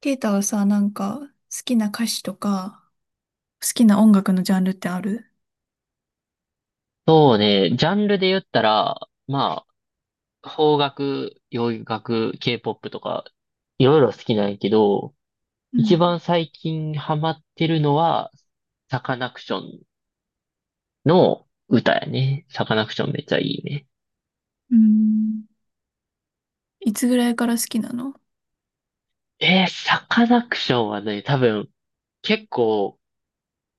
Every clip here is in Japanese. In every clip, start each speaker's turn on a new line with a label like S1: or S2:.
S1: ケイタはさ、なんか、好きな歌手とか、好きな音楽のジャンルってある？
S2: そうね、ジャンルで言ったら、まあ、邦楽、洋楽、K-POP とか、いろいろ好きなんやけど、
S1: う
S2: 一
S1: ん。
S2: 番最近ハマってるのは、サカナクションの歌やね。サカナクションめっちゃいいね。
S1: うーん。いつぐらいから好きなの？
S2: サカナクションはね、多分、結構、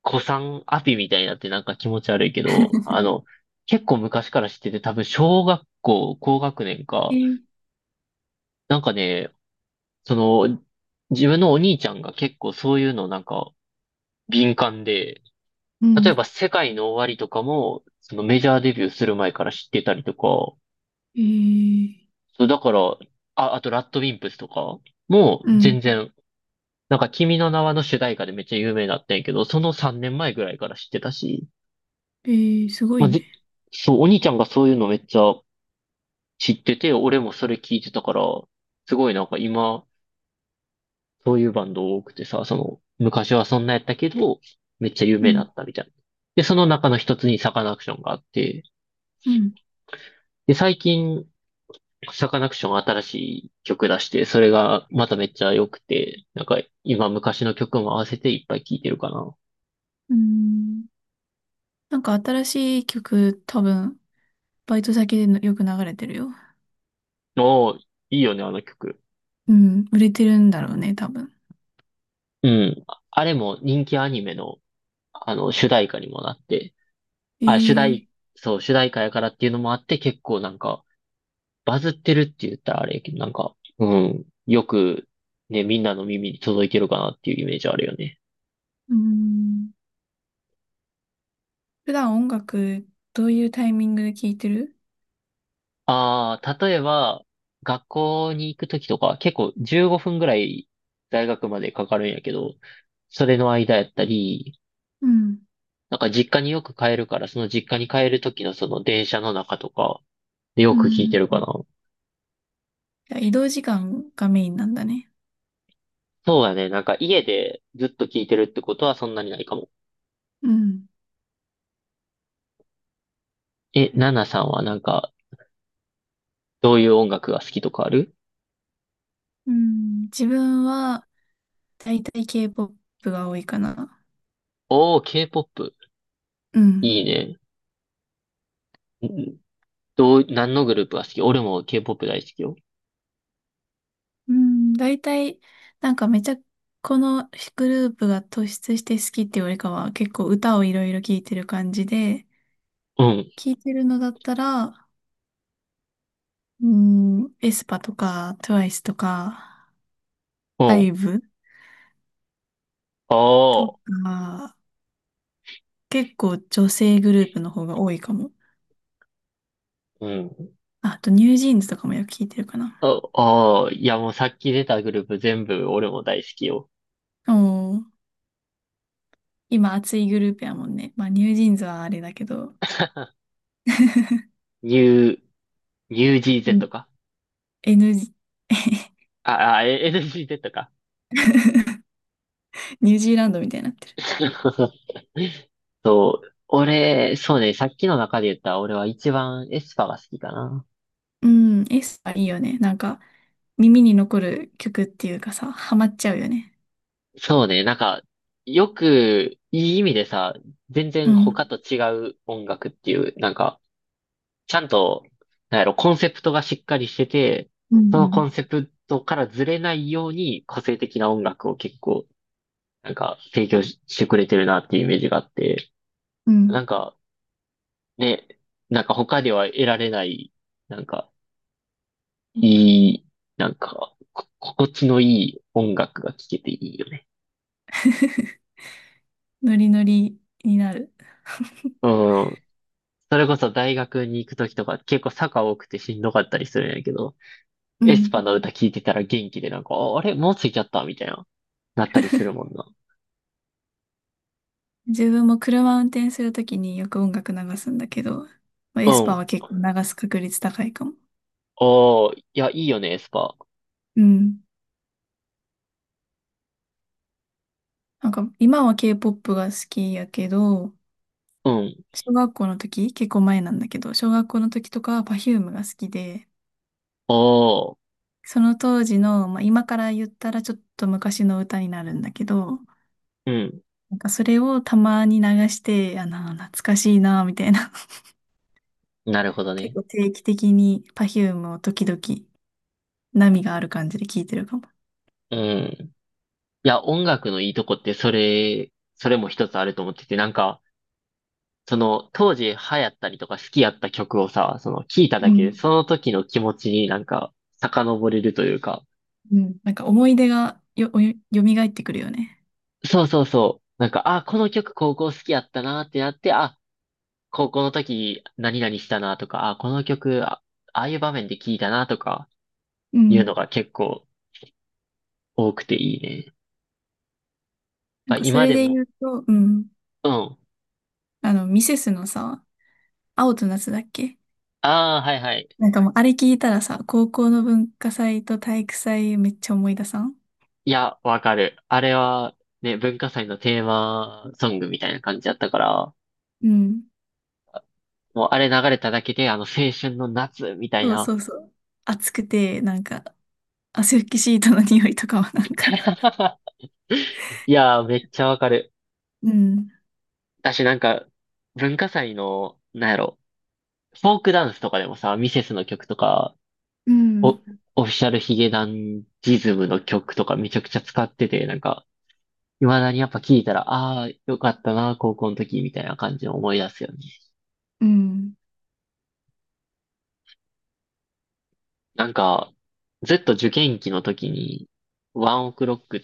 S2: 古参アピみたいになってなんか気持ち悪いけど、あの、結構昔から知ってて、多分小学校、高学年
S1: え
S2: か。
S1: ー、
S2: なんかね、その、自分のお兄ちゃんが結構そういうのなんか敏感で、
S1: う
S2: 例え
S1: ん、
S2: ば世界の終わりとかも、そのメジャーデビューする前から知ってたりとか。
S1: えー、
S2: そうだから、あ、あとラッドウィンプスとかも
S1: うん、
S2: 全然、なんか君の名はの主題歌でめっちゃ有名だったんやけど、その3年前ぐらいから知ってたし、
S1: えー、すご
S2: ま
S1: い
S2: あ、
S1: ね。
S2: そう、お兄ちゃんがそういうのめっちゃ知ってて、俺もそれ聞いてたから。すごいなんか今、そういうバンド多くてさ、その、昔はそんなやったけど、めっちゃ有
S1: う
S2: 名だ
S1: ん、
S2: ったみたいな。で、その中の一つにサカナクションがあって、
S1: うん。
S2: で、最近、サカナクション新しい曲出して、それがまためっちゃ良くて、なんか今昔の曲も合わせていっぱい聴いてるかな。
S1: うーん。なんか新しい曲、多分、バイト先でのよく流れてるよ。
S2: おー、いいよね、あの曲。
S1: うん、売れてるんだろうね、多分。
S2: うん。ああれも人気アニメの、あの、主題歌にもなって、
S1: え
S2: あ、主
S1: ー、
S2: 題、そう、主題歌やからっていうのもあって、結構なんか、バズってるって言ったらあれやけど、なんか、うん、よく、ね、みんなの耳に届いてるかなっていうイメージあるよね。
S1: うーん。普段音楽、どういうタイミングで聴いてる？
S2: ああ、例えば、学校に行くときとか、結構15分ぐらい大学までかかるんやけど、それの間やったり、
S1: うん。
S2: なんか実家によく帰るから、その実家に帰るときのその電車の中とか、よ
S1: う
S2: く聞い
S1: ん。
S2: てるかな。
S1: じゃあ移動時間がメインなんだね。
S2: そうだね。なんか家でずっと聞いてるってことはそんなにないかも。
S1: うん。
S2: え、ナナさんはなんか、どういう音楽が好きとかある？
S1: うん。自分は、だいたい K-POP が多いかな。
S2: おー、K-POP。
S1: うん。
S2: いいね。んどう、何のグループが好き？俺も K-POP 大好きよ。
S1: うん。だいたい、なんかめちゃ、このグループが突出して好きっていうよりかは、結構歌をいろいろ聴いてる感じで、
S2: うん、
S1: 聴いてるのだったら、うん、エスパとか、トゥワイスとか、
S2: うん。
S1: IVE
S2: あ
S1: と
S2: あ、
S1: か、結構女性グループの方が多いかも。
S2: うん。
S1: ああと、ニュージーンズとかもよく聴いてるかな。
S2: あ、ああ、いやもうさっき出たグループ全部俺も大好きよ。
S1: おー。今熱いグループやもんね。まあ、ニュージーンズはあれだけど。
S2: New、
S1: う
S2: NewGZ
S1: ん
S2: か？
S1: n
S2: あ、あ、え、 NGZ か。
S1: ニュージーランドみたいになってる。
S2: そう。俺、そうね、さっきの中で言った俺は一番エスパーが好きかな。
S1: うん、エスパーいいよね。なんか、耳に残る曲っていうかさ、ハマっちゃうよね。
S2: そうね、なんか、よく、いい意味でさ、全
S1: う
S2: 然
S1: ん。
S2: 他と違う音楽っていう、なんか、ちゃんと、なんやろ、コンセプトがしっかりしてて、
S1: う
S2: そ
S1: んう
S2: のコ
S1: ん。
S2: ンセプトからずれないように個性的な音楽を結構、なんか提供ししてくれてるなっていうイメージがあって、
S1: う
S2: な
S1: ん。
S2: んかね、なんか他では得られない、なんかいい、なんか、心地のいい音楽が聴けていいよね。
S1: ノリノリになる。
S2: うん。それこそ大学に行くときとか結構坂多くてしんどかったりするんやけど、
S1: う
S2: エス
S1: ん。
S2: パの歌聴いてたら元気でなんか、ああれもう着いちゃったみたいな、なったりするもんな。
S1: 自分も車運転するときによく音楽流すんだけど、まあ
S2: う
S1: エスパー
S2: ん。
S1: は結構流す確率高いかも。
S2: おー、いや、いいよね、エスパー。
S1: うん。なんか、今は K-POP が好きやけど、
S2: うん。
S1: 小学校の時、結構前なんだけど、小学校の時とかは Perfume が好きで、
S2: おー、
S1: その当時の、まあ、今から言ったらちょっと昔の歌になるんだけど、
S2: うん。
S1: なんかそれをたまに流して、あの、懐かしいな、みたいな。
S2: なるほど
S1: 結
S2: ね。
S1: 構定期的に Perfume を時々波がある感じで聴いてるかも。
S2: うん。いや、音楽のいいとこって、それも一つあると思ってて、なんか、その、当時流行ったりとか好きやった曲をさ、その、聴いた
S1: う
S2: だけで、
S1: ん。
S2: その時の気持ちになんか、遡れるというか。
S1: うん。なんか思い出が蘇ってくるよね。
S2: そうそうそう。なんか、あ、この曲高校好きやったなってなって、あ、高校の時何々したなとか、あ、この曲、あ、ああいう場面で聴いたなとか、
S1: う
S2: いう
S1: ん。
S2: のが結構多くていいね。
S1: なん
S2: あ、
S1: かそ
S2: 今
S1: れ
S2: で
S1: で
S2: も、
S1: 言うと、うん。
S2: うん。
S1: あの、ミセスのさ、青と夏だっけ？
S2: ああ、はいはい。
S1: なんかもうあれ聞いたらさ、高校の文化祭と体育祭めっちゃ思い出さん？
S2: いや、わかる。あれは、ね、文化祭のテーマソングみたいな感じだったから、
S1: うん。
S2: もうあれ流れただけで、あの、青春の夏みたい
S1: そう
S2: な。
S1: そうそう。暑くて、なんか、汗拭きシートの匂いとかはなんか、
S2: いやー、めっちゃわかる。
S1: うん、
S2: 私なんか、文化祭の、なんやろ、フォークダンスとかでもさ、ミセスの曲とか、
S1: う
S2: お、
S1: ん、
S2: オフィシャルヒゲダンジズムの曲とかめちゃくちゃ使ってて、なんか、未だにやっぱ聞いたら、ああ、よかったな、高校の時みたいな感じを思い出すよね。
S1: うん、
S2: なんか、受験期の時に、ワンオクロックっ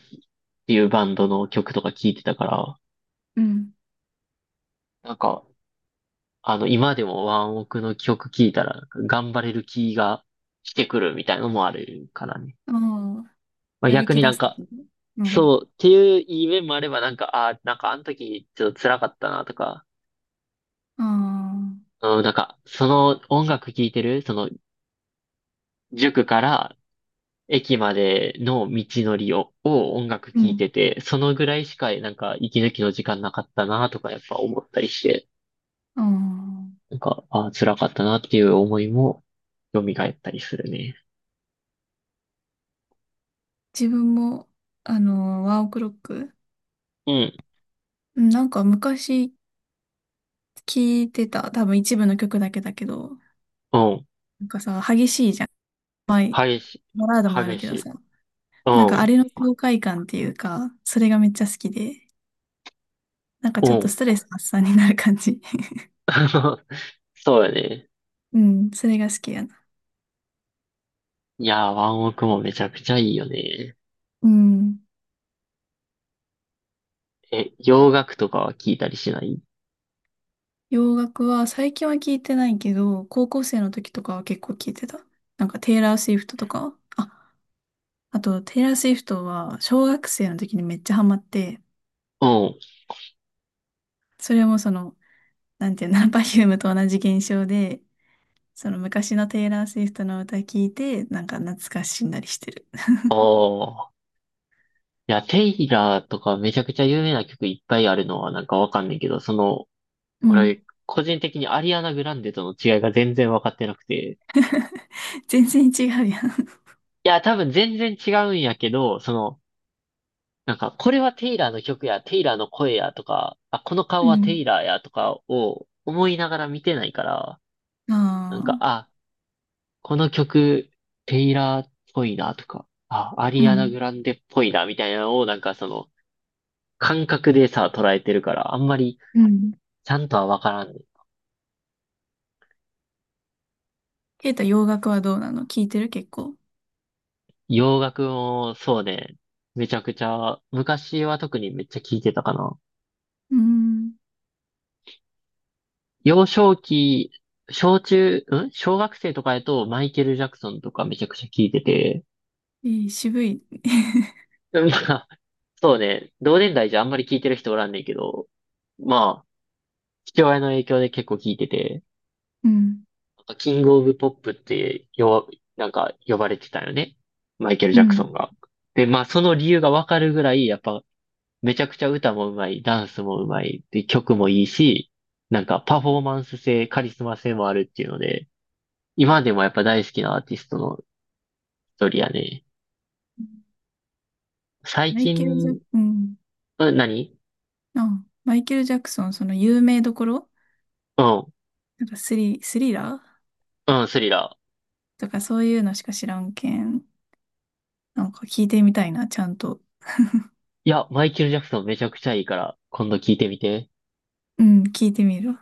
S2: ていうバンドの曲とか聴いてたから、
S1: うん。
S2: なんか、あの、今でもワンオクの曲聴いたら、なんか頑張れる気がしてくるみたいなのもあるからね。
S1: ああ、
S2: まあ、
S1: やる
S2: 逆
S1: 気
S2: に
S1: 出
S2: なん
S1: すと
S2: か、
S1: き。うん。
S2: そうっていういい面もあれば、なんか、ああ、なんかあの時ちょっと辛かったなとか、
S1: ああ、
S2: うん、なんか、その音楽聴いてる、その塾から駅までの道のりを、音楽
S1: う
S2: 聴い
S1: ん。
S2: てて、そのぐらいしかなんか息抜きの時間なかったなとかやっぱ思ったりして、
S1: ああ、
S2: なんか、あー、辛かったなっていう思いも蘇ったりするね。
S1: 自分も、あの、ワンオクロック、
S2: うん、
S1: うん、なんか昔聞いてた、多分一部の曲だけだけど、
S2: うん、
S1: なんかさ、激しいじゃん。まあ、
S2: 激しい、
S1: バラードもある
S2: 激
S1: け
S2: し
S1: ど
S2: い。
S1: さ、
S2: う
S1: なんかあ
S2: ん、
S1: れの爽快感っていうか、それがめっちゃ好きで、なんか
S2: う
S1: ちょっと
S2: ん。
S1: ストレス発散になる感じ。
S2: そうやね。
S1: うん、それが好きやな。
S2: いやー、ワンオクもめちゃくちゃいいよね。
S1: うん。
S2: え、洋楽とかは聞いたりしない？
S1: 洋楽は最近は聞いてないけど、高校生の時とかは結構聞いてた。なんかテイラー・スウィフトとか。あ、あとテイラー・スウィフトは小学生の時にめっちゃハマって、
S2: うん。
S1: それもその、なんていうの、パフュームと同じ現象で、その昔のテイラー・スウィフトの歌聞いて、なんか懐かしんだりしてる。
S2: ああ、いや、テイラーとかめちゃくちゃ有名な曲いっぱいあるのはなんかわかんないけど、その
S1: うん。
S2: 俺、個人的にアリアナ・グランデとの違いが全然分かってなくて。
S1: 全然違うやん。
S2: いや、多分全然違うんやけど、その、なんか、これはテイラーの曲や、テイラーの声やとか、あ、この
S1: う
S2: 顔はテイ
S1: ん。
S2: ラーやとかを思いながら見てないから、な
S1: あ
S2: んか、
S1: あ。
S2: あ、この曲、テイラーっぽいなとか、あ、ア
S1: う
S2: リアナ・
S1: ん。
S2: グランデっぽいなみたいなのを、なんかその、感覚でさ、捉えてるから、あんまり、
S1: うん。
S2: ちゃんとは分からんね。
S1: ケイタ、洋楽はどうなの？聞いてる結構？
S2: 洋楽も、そうね、めちゃくちゃ、昔は特にめっちゃ聴いてたかな。
S1: うん。
S2: 幼少期、小中、ん小学生とかやとマイケル・ジャクソンとかめちゃくちゃ聞いてて、
S1: いい、渋い。
S2: まあ、そうね、同年代じゃあんまり聞いてる人おらんねんけど、まあ、父親の影響で結構聞いてて、
S1: うん。
S2: キング・オブ・ポップってよ、なんか呼ばれてたよね。マイケル・
S1: う
S2: ジャクソン
S1: ん。
S2: が。で、まあその理由がわかるぐらい、やっぱめちゃくちゃ歌もうまい、ダンスもうまい、で、曲もいいし、なんかパフォーマンス性、カリスマ性もあるっていうので、今でもやっぱ大好きなアーティストの一人やね。最
S1: マイケル・ジャ
S2: 近、
S1: ク、うん。
S2: うん、何？
S1: あ、マイケル・ジャクソン、その有名どころ？
S2: うん、
S1: なんかスリラー
S2: うん、スリラー。
S1: とかそういうのしか知らんけん。なんか聞いてみたいな、ちゃんと。
S2: いや、マイケル・ジャクソンめちゃくちゃいいから、今度聞いてみて。
S1: うん、聞いてみる